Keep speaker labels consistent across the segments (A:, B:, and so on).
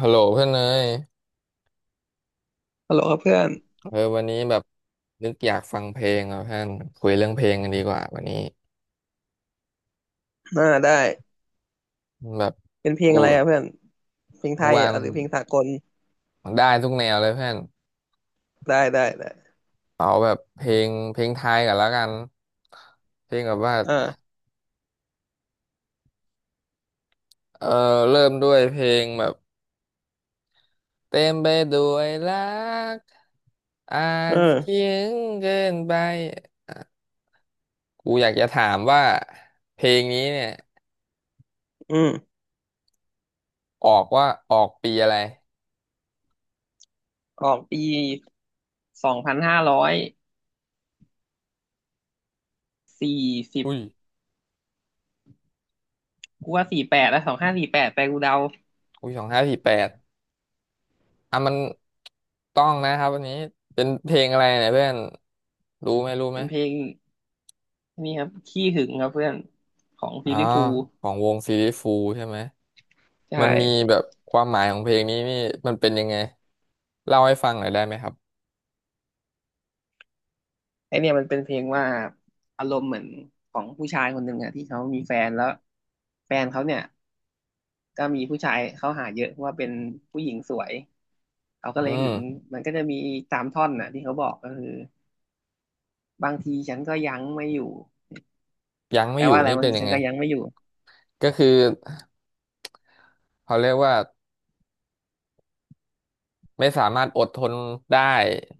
A: ฮัลโหลเพื่อนเนย
B: ฮัลโหลครับเพื่อน
A: เออวันนี้แบบนึกอยากฟังเพลงอ่ะเพื่อนคุยเรื่องเพลงกันดีกว่าวันนี้
B: อ่าได้
A: แบบ
B: เป็นเพลง
A: กู
B: อะไรอ่ะเพื่อนเพลงไท
A: กู
B: ย
A: วาง
B: อ่ะหรือเพลงสากล
A: ได้ทุกแนวเลยเพื่อน
B: ได้ได้ได้
A: เอาแบบเพลงไทยกันแล้วกันเพลงแบบว่า
B: อ่า
A: เออเริ่มด้วยเพลงแบบเต็มไปด้วยรักอาจเขี
B: เออ
A: ยงเกินไปกูอยากจะถามว่าเพลงนี้เนี่ย
B: อืม
A: ออกว่าออกปีอะไร
B: ออกปีสองพันห้าร้อยสี่สิบ
A: อุ้ย
B: กูว่าสี่แปดแล้วสองห้าสี่แปดไปกูเดา
A: อุ้ยสองห้าสี่แปด อ่ะมันต้องนะครับวันนี้เป็นเพลงอะไรเนี่ยเพื่อนรู้ไหม
B: เป็นเพลงนี่ครับขี้หึงครับเพื่อนของ
A: อ๋
B: ฟิ
A: อ
B: ลลี่ฟูลส์
A: ของวงซีรีฟูใช่ไหมมั
B: ใช่
A: นมีแบบความหมายของเพลงนี้นี่มันเป็นยังไงเล่าให้ฟังหน่อยได้ไหมครับ
B: ไอเนี่ยมันเป็นเพลงว่าอารมณ์เหมือนของผู้ชายคนหนึ่งอะที่เขามีแฟนแล้วแฟนเขาเนี่ยก็มีผู้ชายเข้าหาเยอะเพราะว่าเป็นผู้หญิงสวย เขาก็
A: อื
B: เลยหึง
A: ม
B: มันก็จะมีตามท่อนน่ะที่เขาบอกก็คือบางทีฉันก็ยั้งไม่อยู่
A: ยัง
B: แป
A: ไม่
B: ล
A: อยู่
B: ว่าอะไร
A: นี่
B: บาง
A: เป็น
B: ที
A: ยั
B: ฉั
A: ง
B: น
A: ไง
B: ก็ยั้งไม่อยู่
A: ก็คือเขาเรียกว่าไม่สามารถอดทนได้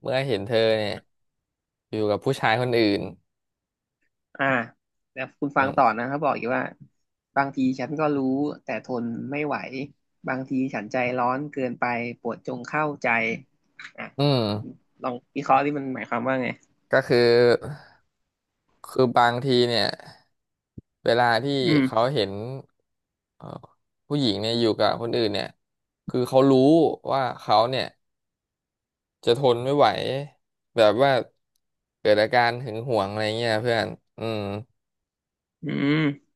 A: เมื่อเห็นเธอเนี่ยอยู่กับผู้ชายคนอื่น
B: อ่าแล้วคุณ
A: อื
B: ฟังต่อ
A: ม
B: นะเขาบอกอีกว่าบางทีฉันก็รู้แต่ทนไม่ไหวบางทีฉันใจร้อนเกินไปโปรดจงเข้าใจอ่ะ
A: อืม
B: ลองวิเคราะห์ที่มันหมายความว่าไง
A: ก็คือคือบางทีเนี่ยเวลาที่
B: อื
A: เขา
B: ม
A: เห็นเอ่อผู้หญิงเนี่ยอยู่กับคนอื่นเนี่ยคือเขารู้ว่าเขาเนี่ยจะทนไม่ไหวแบบว่าเกิดอาการหึงหวงอะไรเงี้ยเพื่อนอืม
B: อืม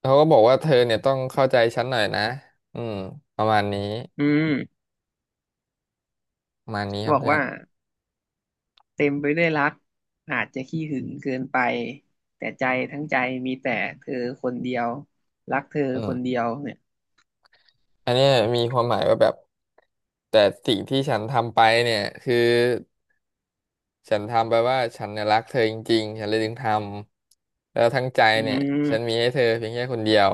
A: เขาก็บอกว่าเธอเนี่ยต้องเข้าใจฉันหน่อยนะอืมประมาณนี้
B: อืม
A: ประมาณนี้ครั
B: บ
A: บ
B: อก
A: เพื่อ
B: ว่า
A: น
B: เต็มไปด้วยรักอาจจะขี้หึงเกินไปแต่ใจทั้งใจมีแต่เธอคนเดียว รักเธอ
A: อื
B: คน
A: ม
B: เดียวเนี่ย
A: อันเนี้ยมีความหมายว่าแบบแต่สิ่งที่ฉันทำไปเนี่ยคือ ฉันทำไปว่าฉันเนี่ยรักเธอจริงๆ ฉันเลยถึงทำแล้วทั้งใจ
B: อื
A: เนี่ยฉันมี
B: ม
A: ให้เธอเพียงแค่คนเดียว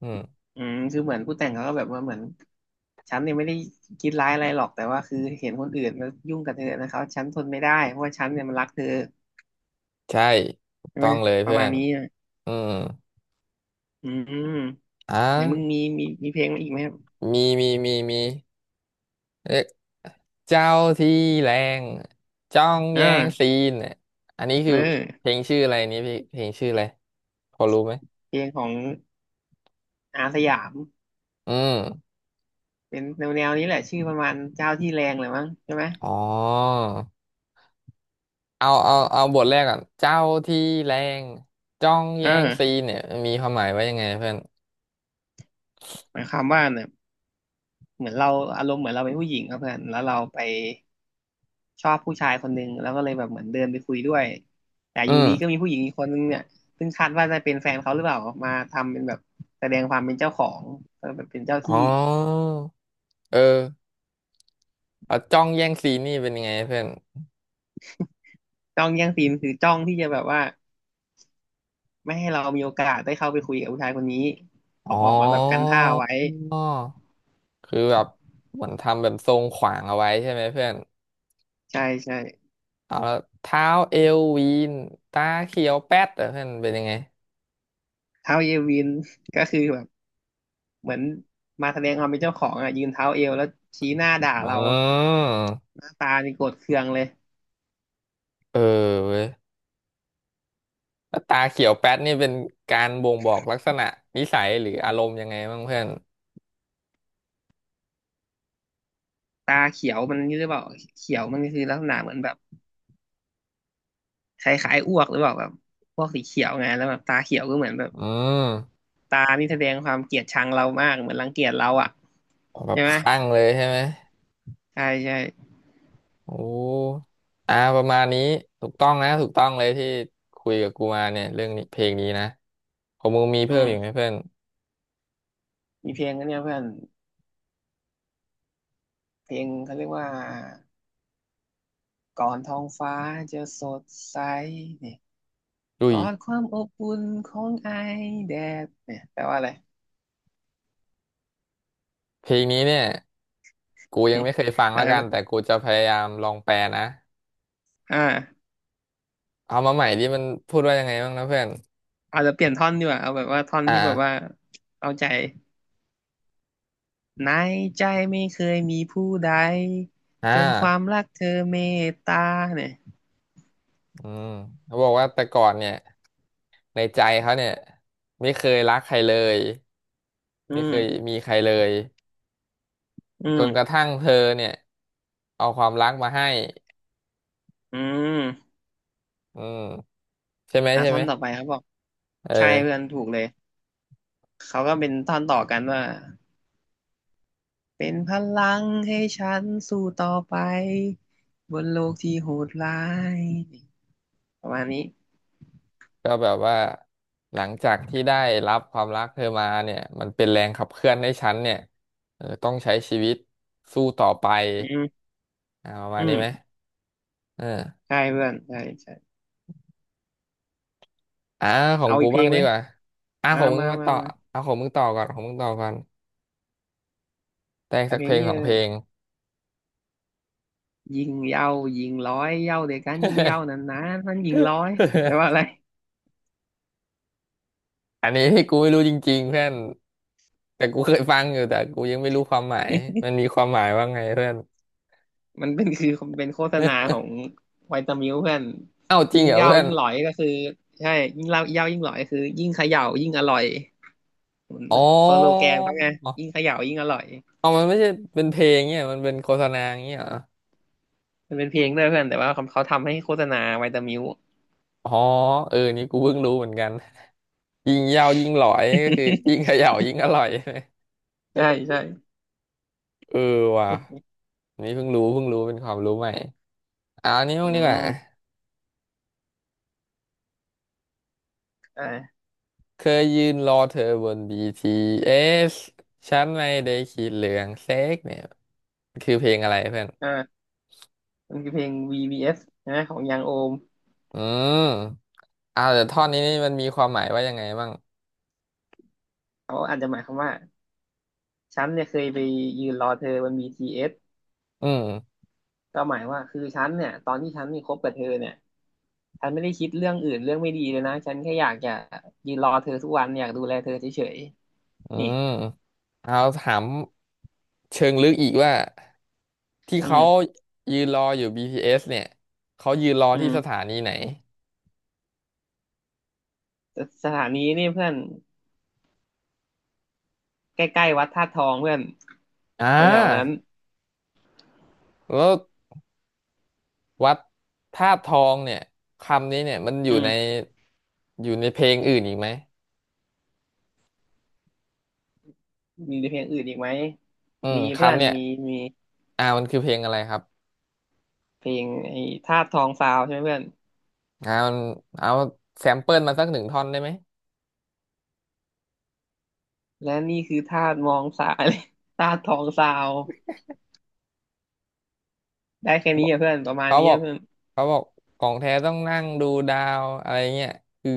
A: อืม
B: อืมคือเหมือนผู้แต่งเขาก็แบบว่าเหมือนฉันเนี่ยไม่ได้คิดร้ายอะไรหรอกแต่ว่าคือเห็นคนอื่นมายุ่งกับเธอนะครับฉันทนไม่ได้เพราะว่าฉันเนี่ยมันรักเธอ
A: ใช่ถูก
B: ใช่
A: ต้
B: ไห
A: อ
B: ม
A: งเลย
B: ประ
A: เพื่อ
B: มาณ
A: น
B: นี้นะ
A: อืม
B: อืม
A: อ่ะ
B: ไหนมึงมีเพลงมาอีกไหมครับ
A: มีเรียกเจ้าที่แรงจ้อง
B: อ่
A: แย่งซี
B: า
A: นเนี่ยอันนี้
B: เอ
A: คือเพล
B: อ
A: งชื่ออะไรนี่พี่เพลงชื่ออะไรพอรู้ไหม
B: เพลงของอาสยาม
A: อืม
B: เป็นแนวแนวนี้แหละชื่อประมาณเจ้าที่แรงเลยมั้งใช่ไหม
A: อ๋อเอาบทแรกก่อนเจ้าที่แรงจ้องแย่งซี
B: เออ
A: นเนี่ยมีความหมายว่ายังไงเพื่อน
B: หมายความว่าเนี่ยเหมือนเราอารมณ์เหมือนเราเป็นผู้หญิงครับเพื่อนแล้วเราไปชอบผู้ชายคนหนึ่งแล้วก็เลยแบบเหมือนเดินไปคุยด้วยแต่อยู่
A: อื
B: ดีก็
A: ม
B: มีผู้หญิงอีกคนนึงเนี่ยซึ่งคาดว่าจะเป็นแฟนเขาหรือเปล่ามาทำเป็นแบบแสดงความเป็นเจ้าของก็แบบเป็นเจ้าที่
A: อ๋อเอออ่ะจ้องแย่งซีนนี่เป็นยังไงเพื่อน
B: จ้องแย่งซีนคือจ้องที่จะแบบว่าไม่ให้เรามีโอกาสได้เข้าไปคุยกับผู้ชายคนนี้ออก
A: อ๋อ
B: ออกมาแบบกันท่าไว้
A: คือแบบเหมือนทำแบบทรงขวางเอาไว้ใช่ไหมเพื่อน
B: ใช่ใช่
A: เอาแล้วเท้าเอววีนตาเขียวแป๊ดเหรอเพื่อนเป็นยังไง
B: เท้าเยวินก็คือแบบ เหมือนมาแสดงความเป็นเจ้าของอ่ะยืนเท้าเอวแล้วชี้หน้าด่า
A: อ๋อ
B: เราหน้าตานี่โกรธเคืองเลย
A: เออเว้ยแล้วตาเขียวแป๊ดนี่เป็นการบ่งบอกลักษณะนิสัยหรืออารมณ์ยังไงบ้างเพื่อน
B: ตาเขียวมันนี่หรือเปล่าเขียวมันคือลักษณะเหมือนแบบคล้ายๆอ้วกหรือเปล่าแบบพวกสีเขียวไงแล้วแบบตาเขียวก็เหมือนแบบ
A: อืม
B: ตานี่แสดงความเกลียดชังเรามากเหมือนรังเกียจเราอ่ะ
A: แบบ
B: ใช่ไหม
A: คลั่งเลยใช่ไหม
B: ใช่ใช่
A: โอ้อ่าประมาณนี้ถูกต้องเลยที่คุยกับกูมาเนี่ยเรื่องนี้เพลงนี้นะของมึงมี
B: อื
A: เพิ่มอีกไหม
B: ม
A: เพื่อน
B: มีเพลงอันเนี้ยเพื่อนเพลงเขาเรียกว่าก่อนท้องฟ้าจะสดใส
A: ดุ
B: ก
A: ย
B: อดความอบอุ่นของไอแดดเนี่ยแปลว่าอะไร
A: เพลงนี้เนี่ยกูยังไม่เคยฟัง
B: แล้
A: ละ
B: ว
A: กันแต่กูจะพยายามลองแปลนะ
B: อ่า
A: เอามาใหม่ที่มันพูดว่ายังไงบ้างนะเพื่อน
B: อาจจะเปลี่ยนท่อนดีกว่าเอาแบบว่าท่อน
A: อ่า
B: ที่แบบว่าเอาใจในใจไม่เคยมีผู้ใด
A: อ่า
B: จนความรักเธอเมตตาเนี่ย
A: อืมเขาบอกว่าแต่ก่อนเนี่ยในใจเขาเนี่ยไม่เคยรักใครเลย
B: อื
A: ไม่เคย
B: ม
A: มีใครเลย
B: อื
A: จนกระ
B: ม
A: ทั่งเธอเนี่ยเอาความรักมาให้
B: อืม
A: อืมใช่ไหม
B: อ่ะ
A: ใช่
B: ท่อ
A: ไหม
B: นต่อไปเขาบอก
A: เ
B: ใช่เพื่อ
A: ออ
B: นถูกเลยเขาก็เป็นท่อนต่อกันว่าเป็นพลังให้ฉันสู้ต่อไปบนโลกที่โหดร้ายประมาณนี้
A: ก็แบบว่าหลังจากที่ได้รับความรักเธอมาเนี่ยมันเป็นแรงขับเคลื่อนให้ฉันเนี่ยเออต้องใช้ชีวิตสู้ต่อไป
B: อืม
A: อ่าประมา
B: อื
A: ณนี้ไหม
B: ม
A: เออ
B: ใช่เพื่อนใช่ใช่
A: อ่าของ
B: เอา
A: กู
B: อีกเพล
A: บ้าง
B: ง
A: ดี
B: ไหม
A: กว่าอ่า
B: อ่า
A: ของมึง
B: มา
A: มา
B: มา
A: ต่อ
B: มา
A: เอาของมึงต่อก่อนของมึงต่อก่อนแต่ง
B: เอา
A: สัก
B: เพ
A: เพ
B: ล
A: ล
B: ง
A: ง
B: นี้
A: สอ
B: เล
A: งเพล
B: ย
A: ง
B: ยิงเหย้ายิงร้อยเหย้าเดียวกันยิงเหย้านานๆมันยิงร้อยแปลว่าอะไร
A: อันนี้ที่กูไม่รู้จริงๆเพื่อนแต่กูเคยฟังอยู่แต่กูยังไม่รู้ความหมายมันมีความหมายว่าไงเพื่อน
B: มันเป็นคือเป็นโฆษณาขอ งไวตามิลเพื่อน
A: เอ้าจริง
B: ยิ่ง
A: เหรอ
B: เหย้า
A: เพื่อน
B: ยิ่งหลอยก็คือใช่ยิ่งเหล้าเหย้ายิ่งหลอยคือยิ่งเขย่ายิ่งอร่อยเหมือน
A: อ๋อ
B: สโลแกนเขาไงยิ่งเขย่ายิ่งอร่อย
A: อ๋อมันไม่ใช่เป็นเพลงเนี่ยมันเป็นโฆษณาอย่างเงี้ยเหรอ
B: มันเป็นเพลงด้วยเพื่อนแต่ว่าเขาทำให้โฆษณาไวตามิล
A: อ๋อเออนี่กูเพิ่งรู้เหมือนกันยิงยาวยิงหลอยก็คือยิง เขย่ายิงอร่อย ใช่ไหม
B: ใช่ใช่
A: เออว่ะนี่เพิ่งรู้เป็นความรู้ใหม่เอาอันนี้บ้าง
B: อื
A: ดีกว่า
B: มใช่
A: เคยยืนรอเธอบน BTS ฉันไม่ได้คิดเรื่องเซ็กเนี่ยคือเพลงอะไรเพื่อน
B: ใช่ มันคือเพลง VBS ใช่ไหมของยังโอม
A: อืมเอาแต่ท่อนนี้นี่มันมีความหมายว่ายังไงบ้าง
B: เขาอาจจะหมายความว่าฉันเนี่ยเคยไปยืนรอเธอบน BTS
A: อืม
B: ก็หมายว่าคือฉันเนี่ยตอนที่ฉันมีคบกับเธอเนี่ยฉันไม่ได้คิดเรื่องอื่นเรื่องไม่ดีเลยนะฉันแค่อยากจะยืนรอเธอทุกวันอยากดูแลเธอเฉย
A: อื
B: ๆนี่
A: มเอาถามเชิงลึกอีกว่า ที่
B: อื
A: เขา
B: ม
A: ยืนรออยู่ BTS เอสเนี่ยเขายืนรอ
B: อื
A: ที่สถา
B: ม
A: นีไหน
B: สสถานีนี่เพื่อนใกล้ๆวัดธาตุทองเพื่อน
A: อ่
B: แถวๆนั้น
A: า แล้ววัดธาตุทองเนี่ย คำนี้เนี่ยมันอยู่
B: อื
A: ใน
B: ม
A: อยู่ในเพลงอื่นอีกไหม
B: มีเพลงอื่นอีกไหม
A: อืม
B: มีเพื่อ
A: คำ
B: น
A: เนี่ย
B: มีมี
A: อ่ามันคือเพลงอะไรครับ
B: เพลงไอ้ธาตุทองซาวใช่ไหมเพื่อน
A: อ่ามันเอาแซมเปิลมาสักหนึ่งท่อนได้ไหม
B: และนี่คือธาตุมองสาเลย ธาตุทองซาวได้แค่นี้อะเพื่อนประมาณ
A: เขา
B: นี้
A: บอ
B: อะ
A: ก
B: เพื่อน
A: เขาบอกของแท้ต้องนั่งดูดาวอะไรเงี้ยคือ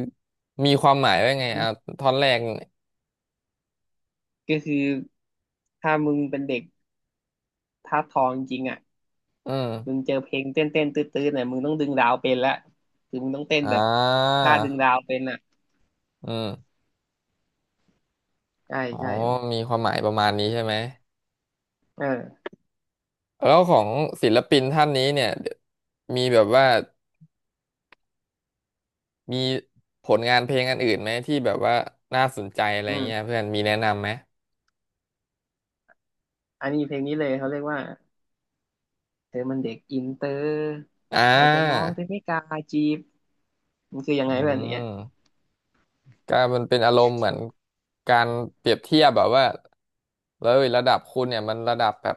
A: มีความหมายว่าไง
B: อืม
A: อ่าท่อนแรกเนี่ย
B: ก็คือถ้ามึงเป็นเด็กธาตุทองจริงๆอ่ะ
A: อื
B: มึง
A: ม
B: เจอเพลงเต้นตื้อๆเนี่ยมึงต้องดึงดาวเป็นละคือมึงต้องเต้น
A: อ่า
B: แบบท่าดึงดาวเป็นอ่ะ
A: อืม
B: ใช่
A: อ๋อ
B: ใช่
A: มีความหมายประมาณนี้ใช่ไหม
B: เออ
A: แล้วของศิลปินท่านนี้เนี่ยมีแบบว่ามีผลงานเพลงอันอื่นไหมที่แบบว่าน่าสนใจอะไร
B: อืม
A: เงี้ยเพื่อนมีแนะนำไหม
B: อันนี้เพลงนี้เลยเขาเรียกว่าเธอมันเด็กอินเตอร์
A: อ่
B: แต่มอง
A: า
B: แต่ไม่กล้าจีบมันคือยัง
A: อื
B: ไงแบบเนี้ย
A: มก็มันเป็นอารมณ์เหมือนการเปรียบเทียบแบบว่าแล้วระดับคุณเนี่ยมันระดับแบบ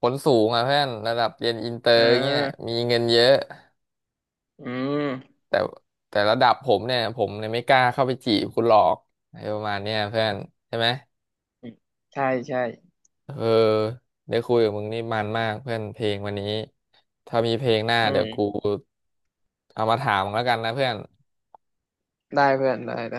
A: ผลสูงอ่ะเพื่อนระดับเรียนอินเตอ
B: อ่
A: ร์เงี้ย
B: า
A: มีเงินเยอะ
B: อืม
A: แต่แต่ระดับผมเนี่ยผมเนี่ยไม่กล้าเข้าไปจีบคุณหรอกอะไรประมาณเนี้ยเพื่อนใช่ไหม
B: ใช่ใช่
A: เออได้คุยกับมึงนี่มันมากเพื่อนเพลงวันนี้ ถ้ามีเพลงหน้า
B: อื
A: เดี๋ยวกู
B: ม
A: เอามาถามมึงแล้วกันนะเพื่อน
B: ได้เพื่อนได้ได้